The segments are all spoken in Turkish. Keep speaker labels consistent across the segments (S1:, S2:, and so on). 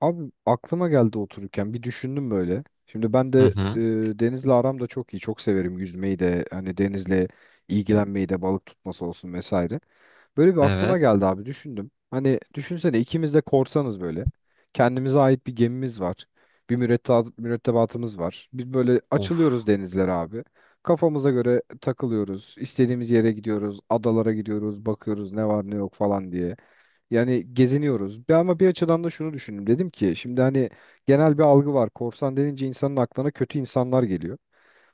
S1: Abi aklıma geldi otururken bir düşündüm böyle. Şimdi ben
S2: Hı
S1: de
S2: hı.
S1: denizle aram da çok iyi. Çok severim yüzmeyi de hani denizle ilgilenmeyi de balık tutması olsun vesaire. Böyle bir aklıma
S2: Evet.
S1: geldi abi düşündüm. Hani düşünsene ikimiz de korsanız böyle. Kendimize ait bir gemimiz var. Bir mürettebatımız var. Biz böyle
S2: Of.
S1: açılıyoruz denizlere abi. Kafamıza göre takılıyoruz. İstediğimiz yere gidiyoruz. Adalara gidiyoruz. Bakıyoruz ne var ne yok falan diye. Yani geziniyoruz. Ama bir açıdan da şunu düşündüm. Dedim ki şimdi hani genel bir algı var. Korsan denince insanın aklına kötü insanlar geliyor.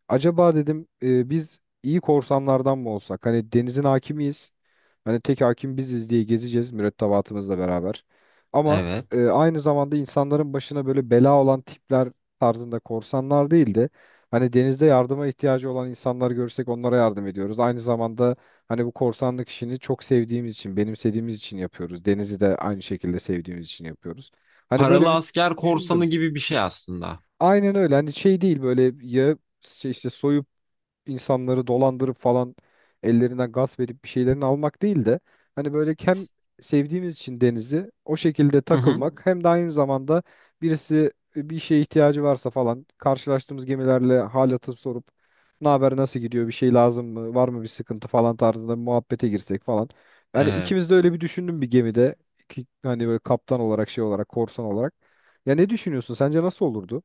S1: Acaba dedim biz iyi korsanlardan mı olsak? Hani denizin hakimiyiz. Hani tek hakim biziz diye gezeceğiz mürettebatımızla beraber. Ama
S2: Evet.
S1: aynı zamanda insanların başına böyle bela olan tipler tarzında korsanlar değil de, hani denizde yardıma ihtiyacı olan insanlar görsek onlara yardım ediyoruz. Aynı zamanda hani bu korsanlık işini çok sevdiğimiz için, benimsediğimiz için yapıyoruz. Denizi de aynı şekilde sevdiğimiz için yapıyoruz. Hani böyle
S2: Paralı
S1: bir
S2: asker korsanı
S1: düşündüm.
S2: gibi bir şey aslında.
S1: Aynen öyle. Hani şey değil, böyle ya şey işte soyup insanları dolandırıp falan, ellerinden gasp edip bir şeylerini almak değil de hani böyle hem sevdiğimiz için denizi o şekilde
S2: Hı hı.
S1: takılmak hem de aynı zamanda birisi bir şeye ihtiyacı varsa falan karşılaştığımız gemilerle hal atıp sorup ne haber, nasıl gidiyor, bir şey lazım mı, var mı bir sıkıntı falan tarzında bir muhabbete girsek falan. Yani
S2: Evet.
S1: ikimiz de öyle bir düşündüm bir gemide ki hani böyle kaptan olarak şey olarak korsan olarak. Ya ne düşünüyorsun? Sence nasıl olurdu?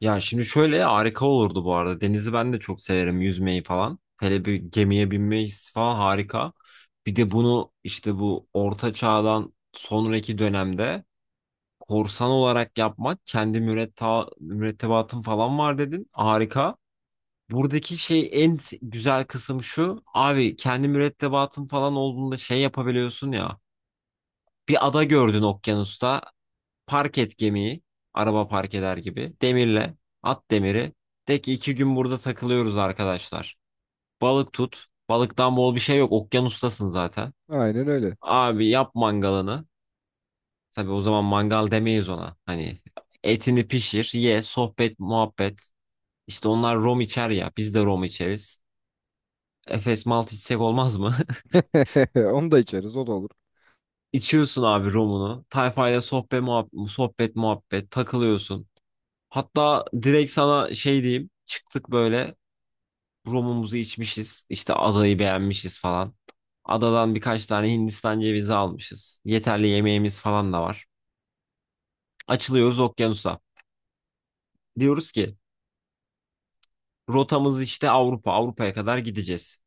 S2: Ya şimdi şöyle harika olurdu bu arada. Denizi ben de çok severim yüzmeyi falan. Hele bir gemiye binmeyi falan harika. Bir de bunu işte bu orta çağdan sonraki dönemde korsan olarak yapmak kendi mürettebatın falan var dedin. Harika. Buradaki şey en güzel kısım şu. Abi kendi mürettebatın falan olduğunda şey yapabiliyorsun ya. Bir ada gördün okyanusta. Park et gemiyi. Araba park eder gibi. Demirle. At demiri. De ki iki gün burada takılıyoruz arkadaşlar. Balık tut. Balıktan bol bir şey yok. Okyanustasın zaten.
S1: Aynen öyle.
S2: Abi yap mangalını. Tabii o zaman mangal demeyiz ona. Hani etini pişir, ye, sohbet, muhabbet. İşte onlar rom içer ya. Biz de rom içeriz. Efes malt içsek olmaz mı?
S1: Onu da içeriz, o da olur.
S2: İçiyorsun abi romunu. Tayfayla sohbet, muhabbet, sohbet, muhabbet. Takılıyorsun. Hatta direkt sana şey diyeyim. Çıktık böyle romumuzu içmişiz. İşte adayı beğenmişiz falan. Adadan birkaç tane Hindistan cevizi almışız. Yeterli yemeğimiz falan da var. Açılıyoruz okyanusa. Diyoruz ki rotamız işte Avrupa. Avrupa'ya kadar gideceğiz.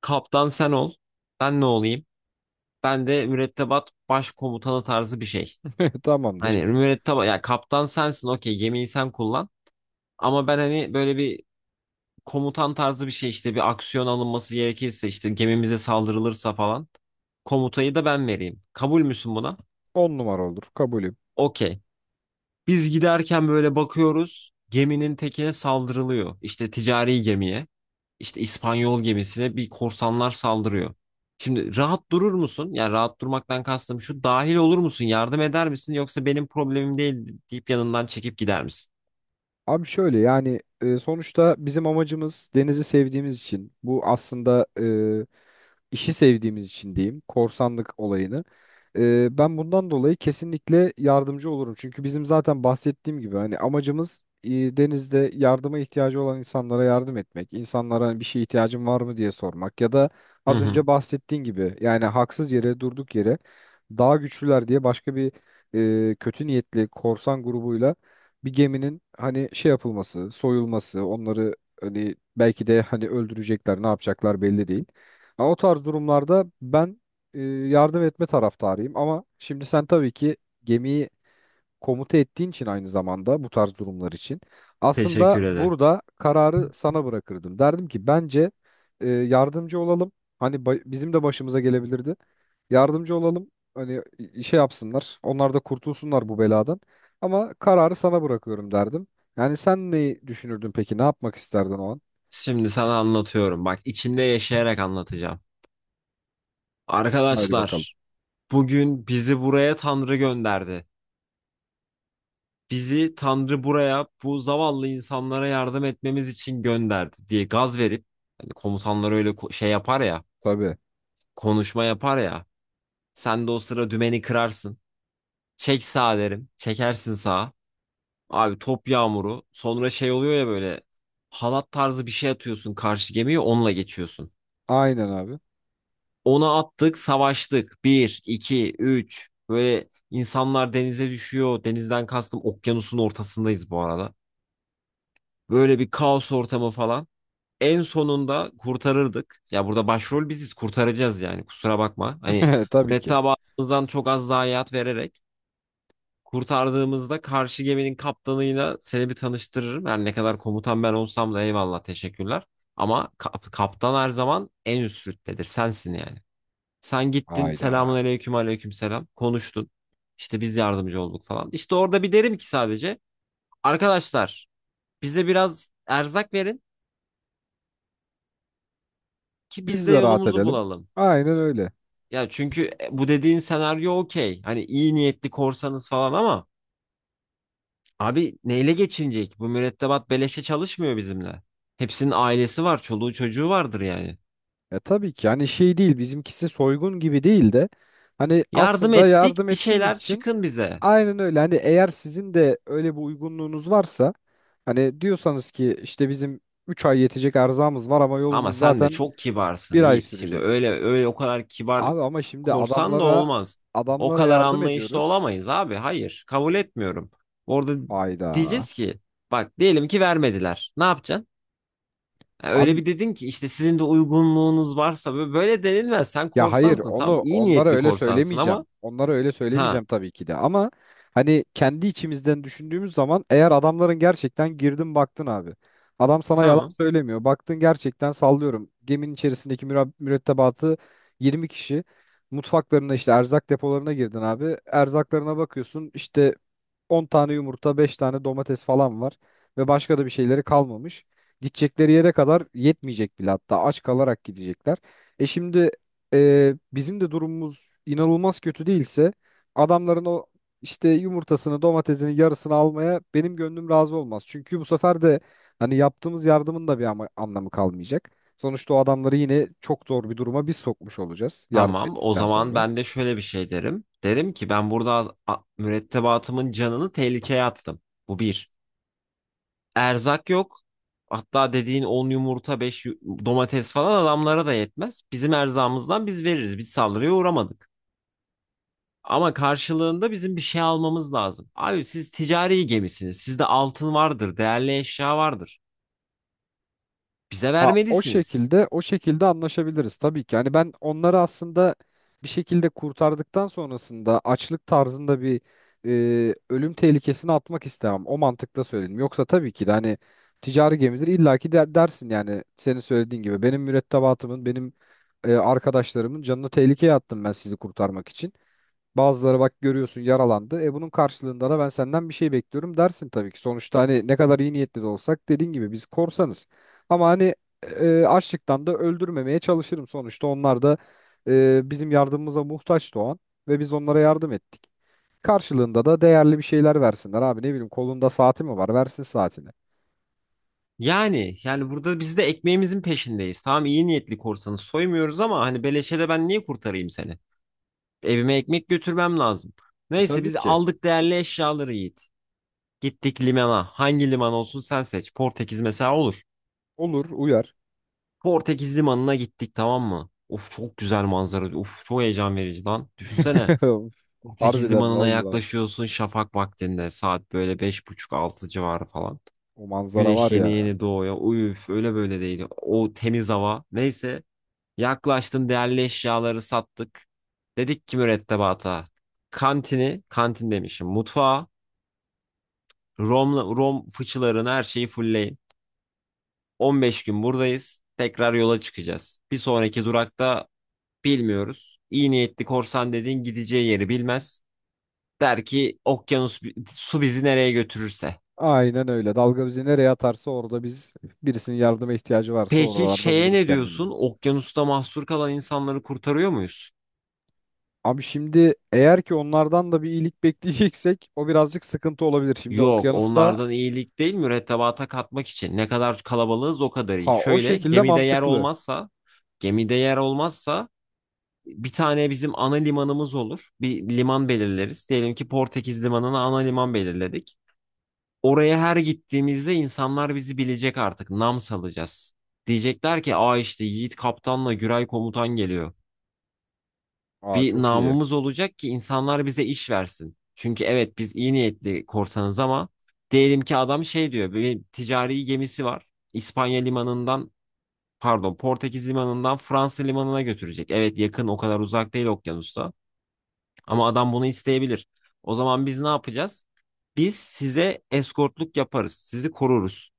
S2: Kaptan sen ol. Ben ne olayım? Ben de mürettebat başkomutanı tarzı bir şey.
S1: Tamamdır.
S2: Hani mürettebat ya kaptan sensin okey gemiyi sen kullan. Ama ben hani böyle bir komutan tarzı bir şey işte bir aksiyon alınması gerekirse işte gemimize saldırılırsa falan komutayı da ben vereyim. Kabul müsün buna?
S1: 10 numara olur. Kabulüm.
S2: Okey. Biz giderken böyle bakıyoruz geminin tekine saldırılıyor. İşte ticari gemiye işte İspanyol gemisine bir korsanlar saldırıyor. Şimdi rahat durur musun? Yani rahat durmaktan kastım şu dahil olur musun? Yardım eder misin? Yoksa benim problemim değil deyip yanından çekip gider misin?
S1: Abi şöyle yani sonuçta bizim amacımız denizi sevdiğimiz için bu aslında, işi sevdiğimiz için diyeyim korsanlık olayını. Ben bundan dolayı kesinlikle yardımcı olurum. Çünkü bizim zaten bahsettiğim gibi hani amacımız denizde yardıma ihtiyacı olan insanlara yardım etmek. İnsanlara hani bir şeye ihtiyacın var mı diye sormak ya da
S2: Hı
S1: az
S2: hı.
S1: önce bahsettiğin gibi. Yani haksız yere, durduk yere, daha güçlüler diye başka bir kötü niyetli korsan grubuyla bir geminin hani şey yapılması, soyulması, onları hani belki de hani öldürecekler, ne yapacaklar belli değil. Ama o tarz durumlarda ben yardım etme taraftarıyım. Ama şimdi sen tabii ki gemiyi komuta ettiğin için aynı zamanda bu tarz durumlar için aslında
S2: Teşekkür ederim.
S1: burada kararı sana bırakırdım. Derdim ki bence yardımcı olalım. Hani bizim de başımıza gelebilirdi. Yardımcı olalım. Hani şey yapsınlar. Onlar da kurtulsunlar bu beladan. Ama kararı sana bırakıyorum derdim. Yani sen neyi düşünürdün peki? Ne yapmak isterdin o an?
S2: Şimdi sana anlatıyorum. Bak içinde yaşayarak anlatacağım.
S1: Haydi bakalım.
S2: Arkadaşlar, bugün bizi buraya Tanrı gönderdi. Bizi Tanrı buraya bu zavallı insanlara yardım etmemiz için gönderdi diye gaz verip hani komutanlar öyle şey yapar ya,
S1: Tabii.
S2: konuşma yapar ya. Sen de o sıra dümeni kırarsın. Çek sağa derim. Çekersin sağa. Abi top yağmuru. Sonra şey oluyor ya böyle halat tarzı bir şey atıyorsun karşı gemiye onunla geçiyorsun.
S1: Aynen abi.
S2: Onu attık, savaştık. Bir, iki, üç. Böyle insanlar denize düşüyor. Denizden kastım okyanusun ortasındayız bu arada. Böyle bir kaos ortamı falan. En sonunda kurtarırdık. Ya burada başrol biziz, kurtaracağız yani. Kusura bakma. Hani
S1: Tabii ki.
S2: mürettebatımızdan çok az zayiat vererek kurtardığımızda karşı geminin kaptanıyla seni bir tanıştırırım. Yani ne kadar komutan ben olsam da eyvallah, teşekkürler. Ama kaptan her zaman en üst rütbedir. Sensin yani. Sen gittin selamun
S1: Hayda.
S2: aleyküm aleyküm selam konuştun. İşte biz yardımcı olduk falan. İşte orada bir derim ki sadece arkadaşlar bize biraz erzak verin ki biz
S1: Biz
S2: de
S1: de rahat
S2: yolumuzu
S1: edelim.
S2: bulalım.
S1: Aynen öyle.
S2: Ya çünkü bu dediğin senaryo okey. Hani iyi niyetli korsanız falan ama abi neyle geçinecek? Bu mürettebat beleşe çalışmıyor bizimle. Hepsinin ailesi var, çoluğu çocuğu vardır yani.
S1: Ya tabii ki hani şey değil, bizimkisi soygun gibi değil de hani
S2: Yardım
S1: aslında yardım
S2: ettik, bir
S1: ettiğimiz
S2: şeyler
S1: için
S2: çıkın bize.
S1: aynen öyle. Hani eğer sizin de öyle bir uygunluğunuz varsa hani diyorsanız ki işte bizim 3 ay yetecek erzağımız var ama
S2: Ama
S1: yolumuz
S2: sen de
S1: zaten
S2: çok kibarsın
S1: bir ay
S2: Yiğit. Şimdi
S1: sürecek.
S2: öyle öyle o kadar kibar
S1: Abi ama şimdi
S2: korsan da
S1: adamlara,
S2: olmaz. O
S1: adamlara
S2: kadar
S1: yardım
S2: anlayışlı
S1: ediyoruz.
S2: olamayız abi. Hayır, kabul etmiyorum. Orada
S1: Ayda.
S2: diyeceğiz ki bak diyelim ki vermediler. Ne yapacaksın? Ha, öyle
S1: Abi
S2: bir dedin ki işte sizin de uygunluğunuz varsa böyle böyle denilmez. Sen
S1: ya hayır,
S2: korsansın.
S1: onu
S2: Tam iyi
S1: onlara
S2: niyetli
S1: öyle
S2: korsansın ama
S1: söylemeyeceğim. Onlara öyle
S2: ha
S1: söylemeyeceğim tabii ki de ama hani kendi içimizden düşündüğümüz zaman eğer adamların gerçekten girdin baktın abi. Adam sana yalan
S2: tamam.
S1: söylemiyor. Baktın gerçekten sallıyorum. Geminin içerisindeki mürettebatı 20 kişi. Mutfaklarına işte erzak depolarına girdin abi. Erzaklarına bakıyorsun işte 10 tane yumurta, 5 tane domates falan var ve başka da bir şeyleri kalmamış. Gidecekleri yere kadar yetmeyecek bile, hatta aç kalarak gidecekler. E şimdi, bizim de durumumuz inanılmaz kötü değilse adamların o işte yumurtasını, domatesini, yarısını almaya benim gönlüm razı olmaz. Çünkü bu sefer de hani yaptığımız yardımın da bir anlamı kalmayacak. Sonuçta o adamları yine çok zor bir duruma biz sokmuş olacağız yardım
S2: Tamam o
S1: ettikten
S2: zaman
S1: sonra.
S2: ben de şöyle bir şey derim. Derim ki ben burada mürettebatımın canını tehlikeye attım. Bu bir. Erzak yok. Hatta dediğin 10 yumurta 5 domates falan adamlara da yetmez. Bizim erzağımızdan biz veririz. Biz saldırıya uğramadık. Ama karşılığında bizim bir şey almamız lazım. Abi siz ticari gemisiniz. Sizde altın vardır, değerli eşya vardır. Bize
S1: Ha, o
S2: vermelisiniz.
S1: şekilde o şekilde anlaşabiliriz tabii ki. Yani ben onları aslında bir şekilde kurtardıktan sonrasında açlık tarzında bir ölüm tehlikesini atmak istemem. O mantıkta söyledim. Yoksa tabii ki de hani ticari gemidir illaki dersin yani senin söylediğin gibi. Benim mürettebatımın, benim arkadaşlarımın canını tehlikeye attım ben sizi kurtarmak için. Bazıları bak görüyorsun yaralandı. E bunun karşılığında da ben senden bir şey bekliyorum dersin tabii ki. Sonuçta hani ne kadar iyi niyetli de olsak, dediğin gibi biz korsanız. Ama hani açlıktan da öldürmemeye çalışırım sonuçta. Onlar da bizim yardımımıza muhtaçtı o an ve biz onlara yardım ettik. Karşılığında da değerli bir şeyler versinler abi, ne bileyim, kolunda saati mi var versin saatini.
S2: Yani yani burada biz de ekmeğimizin peşindeyiz. Tamam iyi niyetli korsanı soymuyoruz ama hani beleşe de ben niye kurtarayım seni? Evime ekmek götürmem lazım.
S1: E
S2: Neyse
S1: tabii
S2: biz
S1: ki
S2: aldık değerli eşyaları Yiğit. Gittik limana. Hangi liman olsun sen seç. Portekiz mesela olur.
S1: olur, uyar.
S2: Portekiz limanına gittik tamam mı? Of çok güzel manzara. Of çok heyecan verici lan. Düşünsene. Portekiz
S1: Harbiden
S2: limanına
S1: vallahi
S2: yaklaşıyorsun şafak vaktinde. Saat böyle beş buçuk altı civarı falan.
S1: o manzara
S2: Güneş
S1: var
S2: yeni
S1: ya.
S2: yeni doğuyor. Uyuf öyle böyle değil. O temiz hava. Neyse. Yaklaştın değerli eşyaları sattık. Dedik ki mürettebata. Kantini, kantin demişim. Mutfağı, Rom, Rom fıçılarını her şeyi fullleyin. 15 gün buradayız. Tekrar yola çıkacağız. Bir sonraki durakta bilmiyoruz. İyi niyetli korsan dediğin gideceği yeri bilmez. Der ki okyanus su bizi nereye götürürse.
S1: Aynen öyle. Dalga bizi nereye atarsa orada biz, birisinin yardıma ihtiyacı varsa
S2: Peki
S1: oralarda
S2: şeye
S1: buluruz
S2: ne
S1: kendimizi.
S2: diyorsun? Okyanusta mahsur kalan insanları kurtarıyor muyuz?
S1: Abi şimdi eğer ki onlardan da bir iyilik bekleyeceksek o birazcık sıkıntı olabilir. Şimdi
S2: Yok,
S1: okyanusta,
S2: onlardan iyilik değil mürettebata katmak için. Ne kadar kalabalığız o kadar iyi.
S1: ha o
S2: Şöyle
S1: şekilde
S2: gemide yer
S1: mantıklı.
S2: olmazsa, gemide yer olmazsa bir tane bizim ana limanımız olur. Bir liman belirleriz. Diyelim ki Portekiz limanına ana liman belirledik. Oraya her gittiğimizde insanlar bizi bilecek artık. Nam salacağız. Diyecekler ki aa işte Yiğit Kaptan'la Güray Komutan geliyor.
S1: Aa
S2: Bir
S1: çok iyi.
S2: namımız olacak ki insanlar bize iş versin. Çünkü evet biz iyi niyetli korsanız ama diyelim ki adam şey diyor bir ticari gemisi var. İspanya limanından pardon Portekiz limanından Fransa limanına götürecek. Evet yakın o kadar uzak değil okyanusta. Ama adam bunu isteyebilir. O zaman biz ne yapacağız? Biz size eskortluk yaparız. Sizi koruruz.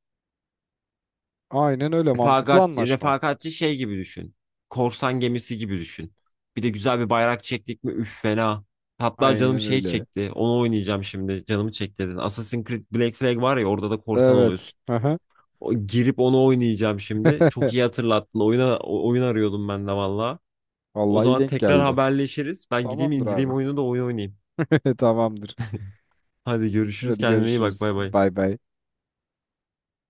S1: Aynen öyle, mantıklı
S2: Refakat,
S1: anlaşma.
S2: refakatçi şey gibi düşün. Korsan gemisi gibi düşün. Bir de güzel bir bayrak çektik mi üf fena. Hatta canım
S1: Aynen
S2: şey
S1: öyle.
S2: çekti. Onu oynayacağım şimdi. Canımı çekti dedin. Assassin's Creed Black Flag var ya orada da korsan
S1: Evet.
S2: oluyorsun.
S1: Hı hı.
S2: O, girip onu oynayacağım şimdi. Çok iyi hatırlattın. Oyun arıyordum ben de valla. O
S1: Vallahi iyi
S2: zaman
S1: denk
S2: tekrar
S1: geldi.
S2: haberleşiriz. Ben gideyim
S1: Tamamdır
S2: indireyim
S1: abi.
S2: oyunu da oyun oynayayım.
S1: Tamamdır.
S2: Hadi görüşürüz.
S1: Hadi
S2: Kendine iyi bak.
S1: görüşürüz.
S2: Bay bay.
S1: Bay bay.